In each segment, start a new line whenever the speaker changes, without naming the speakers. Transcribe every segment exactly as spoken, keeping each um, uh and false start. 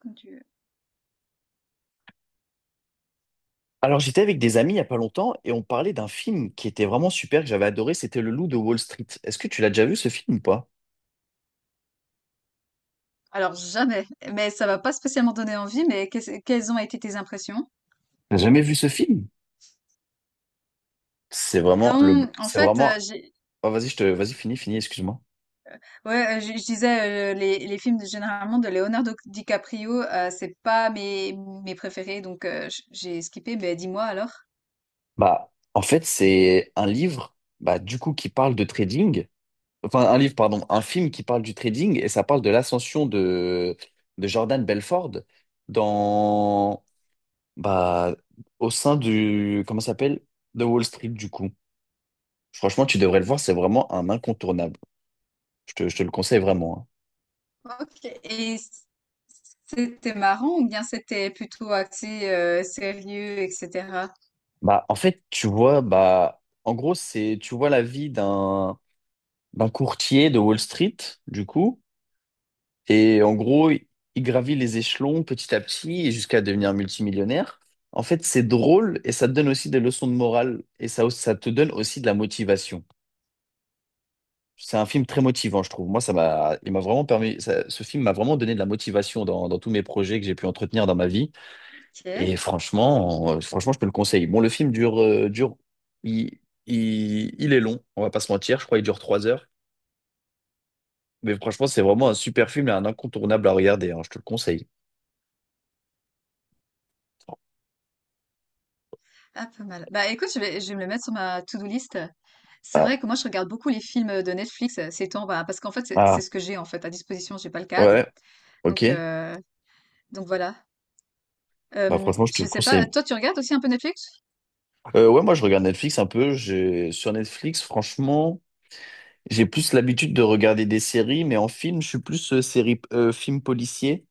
Quand tu veux.
Alors, j'étais avec des amis il n'y a pas longtemps et on parlait d'un film qui était vraiment super, que j'avais adoré, c'était Le Loup de Wall Street. Est-ce que tu l'as déjà vu ce film ou pas?
Alors jamais, mais ça va pas spécialement donner envie, mais qu'est-ce quelles ont été tes impressions?
T'as jamais vu ce film? C'est vraiment
Non,
le,
en
c'est
fait, heu,
vraiment,
j'ai
Oh, vas-y, je te, vas-y, finis, finis, excuse-moi.
ouais, heu, je je disais, heu, les les films de généralement de Leonardo DiCaprio, heu, c'est pas mes mes préférés, donc heu, j j'ai skippé, mais dis-moi alors?
Bah, en fait, c'est un livre, bah, du coup, qui parle de trading. Enfin, un livre, pardon, un film qui parle du trading et ça parle de l'ascension de, de Jordan Belfort dans, bah, au sein du, comment ça s'appelle? De Wall Street, du coup. Franchement, tu devrais le voir, c'est vraiment un incontournable. Je te, je te le conseille vraiment, hein.
OK. Et c- c'était marrant ou bien c'était plutôt axé euh, sérieux, et cetera.
Bah, en fait, tu vois, bah, en gros, c'est, tu vois la vie d'un d'un courtier de Wall Street, du coup, et en gros, il il gravit les échelons petit à petit et jusqu'à devenir multimillionnaire. En fait, c'est drôle et ça te donne aussi des leçons de morale et ça, aussi- ça te donne aussi de la motivation. C'est un film très motivant, je trouve. Moi, ça m'a, il m'a vraiment permis, ça- ce film m'a vraiment donné de la motivation dans, dans tous mes projets que j'ai pu entretenir dans ma vie. Et
OK.
franchement, euh, franchement, je te le conseille. Bon, le film dure, euh, dure, il, il, il est long, on va pas se mentir. Je crois qu'il dure trois heures. Mais franchement, c'est vraiment un super film et un incontournable à regarder. Hein, je te le conseille.
Ah, pas mal. Bah, écoute, je vais, je vais me le mettre sur ma to-do list. C'est
Ah,
vrai que moi, je regarde beaucoup les films de Netflix euh, ces temps, bah, parce qu'en fait, c'est c'est
ah,
ce que j'ai en fait à disposition. J'ai pas le câble,
ouais, ok.
donc euh, donc voilà.
Bah,
Euh,
franchement, je te
je
le
sais pas.
conseille.
Toi, tu regardes aussi un peu Netflix?
Euh, ouais, moi, je regarde Netflix un peu. J'ai, sur Netflix, franchement, j'ai plus l'habitude de regarder des séries, mais en film, je suis plus euh, série, euh, film policier.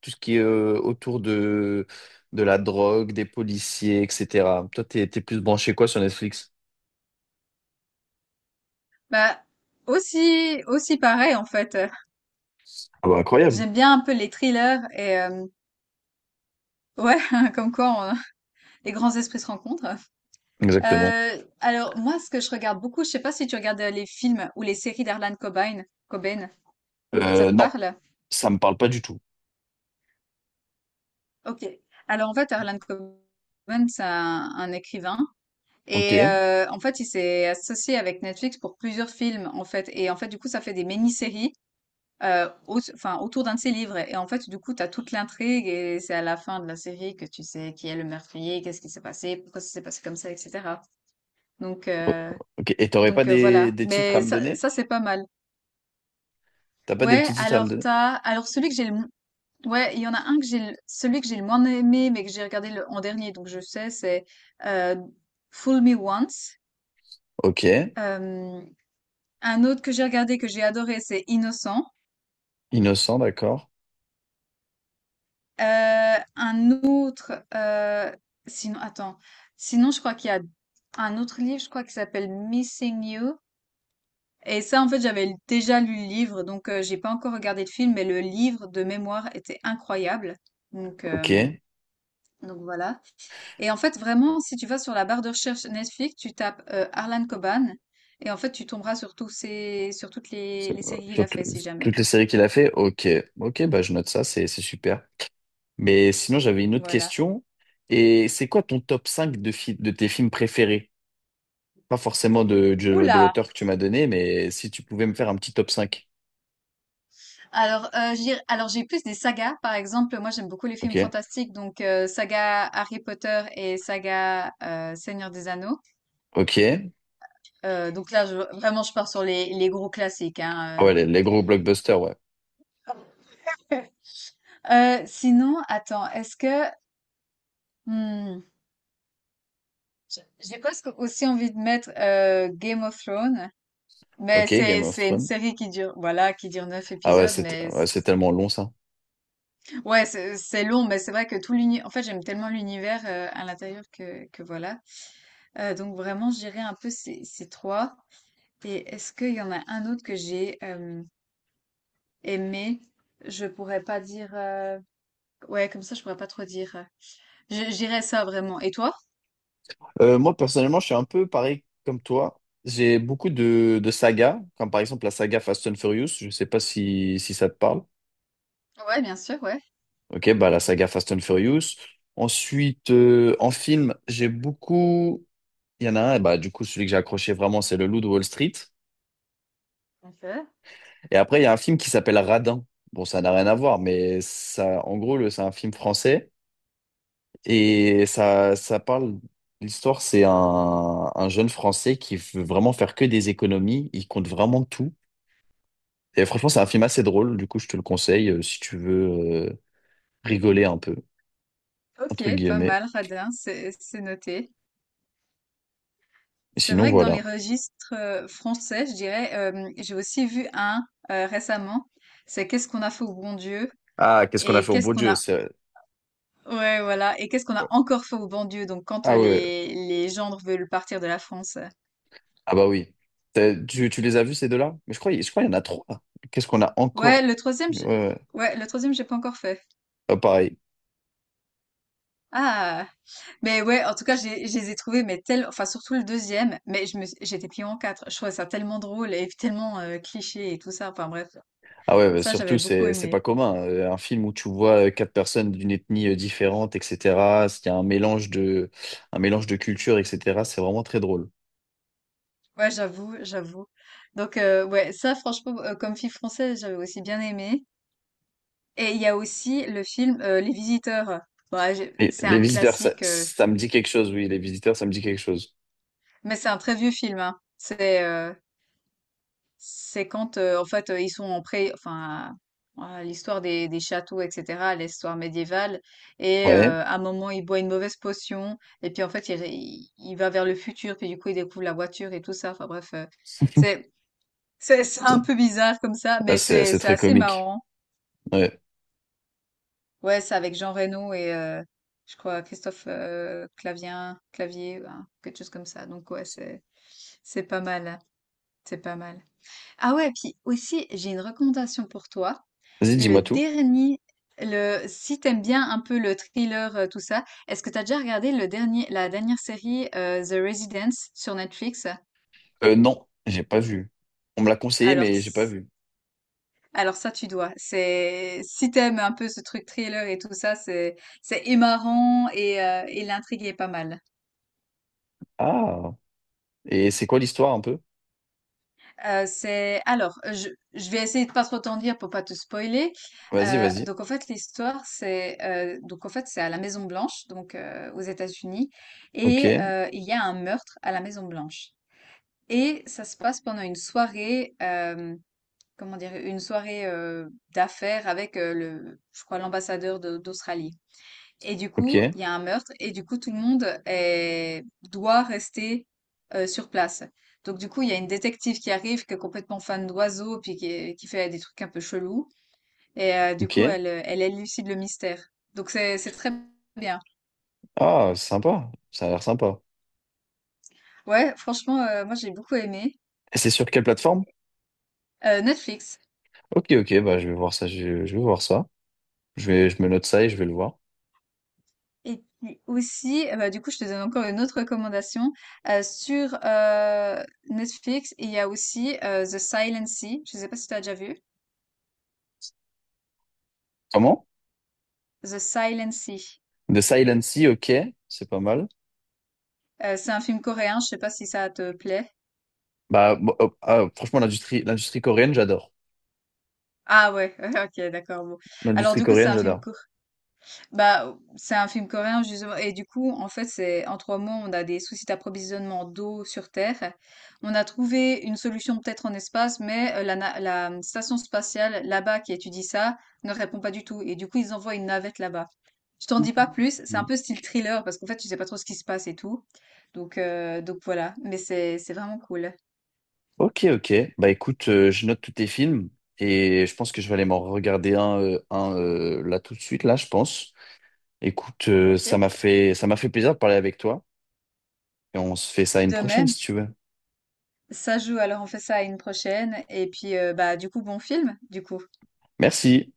Tout ce qui est euh, autour de, de la drogue, des policiers, et cætera. Toi, t'es, t'es plus branché quoi sur Netflix?
Bah aussi aussi pareil en fait.
Ah bah, incroyable.
J'aime bien un peu les thrillers et euh, ouais, comme quoi les grands esprits se rencontrent.
Exactement.
Euh, alors moi, ce que je regarde beaucoup, je sais pas si tu regardes euh, les films ou les séries d'Harlan Cobain. Cobain, ça
Euh,
te
non,
parle?
ça me parle pas du tout.
Ok. Alors en fait, Harlan Cobain, c'est un, un écrivain
Ok.
et euh, en fait, il s'est associé avec Netflix pour plusieurs films en fait. Et en fait, du coup, ça fait des mini-séries. Euh, au- enfin, autour d'un de ses livres. Et en fait, du coup, tu as toute l'intrigue et c'est à la fin de la série que tu sais qui est le meurtrier, qu'est-ce qui s'est passé, pourquoi ça s'est passé comme ça, et cetera. Donc, euh,
Ok. Et t'aurais pas
Donc euh,
des,
voilà,
des titres à
mais
me
ça,
donner?
ça c'est pas mal.
T'as pas des
Ouais,
petits titres à me
alors
donner?
t'as, alors celui que j'ai le, mo- ouais, il y en a un que j'ai, le- celui que j'ai le moins aimé, mais que j'ai regardé le- en dernier, donc je sais, c'est euh, Fool Me Once.
Ok.
Euh, un autre que j'ai regardé que j'ai adoré, c'est Innocent.
Innocent, d'accord.
Euh, un autre, euh, sinon, attends, sinon je crois qu'il y a un autre livre, je crois qui s'appelle Missing You. Et ça, en fait, j'avais déjà lu le livre, donc euh, j'ai pas encore regardé le film, mais le livre de mémoire était incroyable. Donc,
Ok.
euh,
C'est-
donc voilà. Et en fait, vraiment, si tu vas sur la barre de recherche Netflix, tu tapes euh, Harlan Coban, et en fait, tu tomberas sur tous ces, sur toutes les, les
euh,
séries qu'il a
sur tout-
fait, si jamais.
toutes les séries qu'il a fait? Ok. Ok, bah je note ça, c'est c'est super. Mais sinon, j'avais une autre
Voilà.
question. Et c'est quoi ton top cinq de, fi- de tes films préférés? Pas forcément de, de, de
Oula!
l'auteur que tu m'as donné, mais si tu pouvais me faire un petit top cinq.
Alors, euh, je dirais- alors j'ai plus des sagas, par exemple. Moi, j'aime beaucoup les
Ok.
films fantastiques, donc euh, saga Harry Potter et saga euh, Seigneur des Anneaux.
Ok.
Euh, donc là, je, vraiment, je pars sur les, les gros classiques.
Ah ouais,
Hein,
les, les gros blockbusters, ouais.
euh. Euh, sinon, attends, est-ce que hmm, j- j'ai presque aussi envie de mettre euh, Game of Thrones, mais
Ok,
c'est
Game of
c'est une
Thrones.
série qui dure, voilà, qui dure neuf
Ah ouais,
épisodes,
c'est
mais c-
ouais, c'est tellement long ça.
ouais, c'est c'est long, mais c'est vrai que tout l'univers, en fait, j'aime tellement l'univers euh, à l'intérieur que que voilà. Euh, donc vraiment, je dirais un peu ces ces trois. Et est-ce qu'il y en a un autre que j'ai euh, aimé? Je pourrais pas dire. euh, Ouais, comme ça, je pourrais pas trop dire. Je- J'irais ça vraiment. Et toi?
Euh, moi, personnellement, je suis un peu pareil comme toi. J'ai beaucoup de, de sagas, comme par exemple la saga Fast and Furious. Je sais pas si, si ça te parle.
Ouais, bien sûr, ouais.
Ok, bah la saga Fast and Furious. Ensuite, euh, en film, j'ai beaucoup. Il y en a un, bah, du coup, celui que j'ai accroché vraiment, c'est Le Loup de Wall Street.
Ok.
Et après, il y a un film qui s'appelle Radin. Bon, ça n'a rien à voir, mais ça, en gros, le- c'est un film français. Et ça, ça parle. L'histoire, c'est un, un jeune Français qui veut vraiment faire que des économies. Il compte vraiment tout. Et franchement, c'est un film assez drôle. Du coup, je te le conseille euh, si tu veux euh, rigoler un peu, entre
Ok, pas
guillemets.
mal, radin, c'est c'est noté.
Et
C'est
sinon,
vrai que dans les
voilà.
registres euh, français, je dirais, euh, j'ai aussi vu un euh, récemment. C'est qu'est-ce qu'on a fait au bon Dieu
Ah, qu'est-ce qu'on a
et
fait au
qu'est-ce
beau
qu'on
Dieu?
a,
c'est-
ouais, voilà, et qu'est-ce qu'on a encore fait au bon Dieu. Donc quand
Ah
euh,
ouais, ouais.
les les gendres veulent partir de la France.
Ah bah oui. T'as- Tu, tu les as vus ces deux-là? Mais je crois, je crois qu'il y en a trois. Qu'est-ce qu'on a
Ouais,
encore?
le troisième,
Ouais,
je-
ouais.
ouais, le troisième, j'ai pas encore fait.
Ah, pareil.
Ah. Mais ouais, en tout cas, je les je les ai trouvés, mais tel, enfin surtout le deuxième, mais je me, suis- j'étais pliée en quatre. Je trouvais ça tellement drôle et tellement euh, cliché et tout ça. Enfin bref,
Ah ouais, bah
ça j'avais
surtout,
beaucoup
c'est, c'est pas
aimé.
commun. Euh, Un film où tu vois euh, quatre personnes d'une ethnie euh, différente, et cætera. Il y a un mélange de, un mélange de cultures, et cætera. C'est vraiment très drôle.
Ouais, j'avoue, j'avoue. Donc euh, ouais, ça franchement, euh, comme fille française, j'avais aussi bien aimé. Et il y a aussi le film euh, Les Visiteurs. Bon, ah, j'ai-
Et
c'est
les
un
visiteurs, ça,
classique, euh,
ça me dit quelque chose, oui. Les visiteurs, ça me dit quelque chose.
mais c'est un très vieux film. Hein. C'est euh, C'est quand, euh, en fait, euh, ils sont en pré, enfin, voilà, l'histoire des, des châteaux, et cetera, l'histoire médiévale, et
Ouais.
euh, à un moment, il boit une mauvaise potion, et puis en fait, il, il- il va vers le futur, puis du coup, il découvre la voiture et tout ça. Enfin bref, euh, c'est c'est c'est un peu bizarre comme ça,
Ah,
mais
c'est,
c'est
c'est
c'est
très
assez
comique.
marrant.
Ouais.
Ouais, c'est avec Jean Reno et euh, je crois Christophe euh, Clavien, Clavier, ben, quelque chose comme ça. Donc ouais, c'est c'est pas mal, c'est pas mal. Ah ouais, puis aussi, j'ai une recommandation pour toi.
Vas-y,
Le
dis-moi tout.
dernier, le, si t'aimes bien un peu le thriller, euh, tout ça, est-ce que t'as déjà regardé le dernier, la dernière série euh, The Residence sur Netflix?
Euh, non, j'ai pas vu. On me l'a conseillé,
Alors,
mais j'ai pas
s-
vu.
alors ça, tu dois. C'est, si t'aimes un peu ce truc thriller et tout ça, c'est, c'est et marrant et, euh, et l'intrigue est pas mal.
Ah, et c'est quoi l'histoire un peu?
Euh, c'est alors, euh, je, je vais essayer de pas trop t'en dire pour pas te spoiler.
Vas-y,
Euh,
vas-y.
donc en fait, l'histoire c'est euh, donc en fait c'est à la Maison Blanche, donc euh, aux États-Unis,
Ok,
et euh, il y a un meurtre à la Maison Blanche. Et ça se passe pendant une soirée, euh, comment dire, une soirée euh, d'affaires avec euh, le, je crois l'ambassadeur de- d'Australie. Et du
ok,
coup, il y a un meurtre et du coup, tout le monde est- doit rester euh, sur place. Donc du coup, il y a une détective qui arrive, qui est complètement fan d'oiseaux, puis qui, est- qui fait des trucs un peu chelous. Et euh, du
ok.
coup, elle, euh, elle élucide le mystère. Donc c'est, c'est très bien.
Ah, sympa. Ça a l'air sympa.
Ouais, franchement, euh, moi j'ai beaucoup aimé.
Et c'est sur quelle plateforme?
Euh, Netflix.
Ok, ok, bah je vais voir ça, je, je vais voir ça. Je vais, je me note ça et je vais le voir.
Et puis aussi, euh, bah, du coup, je te donne encore une autre recommandation. Euh, sur euh, Netflix, il y a aussi euh, The Silent Sea. Je ne sais pas si tu as déjà vu.
Comment?
The Silent Sea.
The Silent Sea, ok, c'est pas mal.
Euh, c'est un film coréen, je sais pas si ça te plaît.
Bah, bon, oh, ah, franchement, l'industrie, l'industrie coréenne, j'adore.
Ah ouais, ok, d'accord. Bon. Alors
L'industrie
du coup, c'est
coréenne,
un film
j'adore.
court. Bah, c'est un film coréen justement. Et du coup, en fait, c'est en trois mois, on a des soucis d'approvisionnement d'eau sur Terre. On a trouvé une solution peut-être en espace, mais euh, la, na- la station spatiale là-bas qui étudie ça ne répond pas du tout. Et du coup, ils envoient une navette là-bas. Je t'en dis pas plus. C'est un
Mhm.
peu style thriller parce qu'en fait, tu sais pas trop ce qui se passe et tout. Donc, euh, donc voilà. Mais c'est c'est vraiment cool.
Ok, ok. Bah écoute, euh, je note tous tes films et je pense que je vais aller m'en regarder un, euh, un euh, là tout de suite, là, je pense. Écoute, euh,
Ok.
ça m'a fait, ça m'a fait plaisir de parler avec toi et on se fait ça une
De
prochaine
même.
si tu veux.
Ça joue, alors on fait ça à une prochaine. Et puis, heu, bah, du coup, bon film, du coup.
Merci.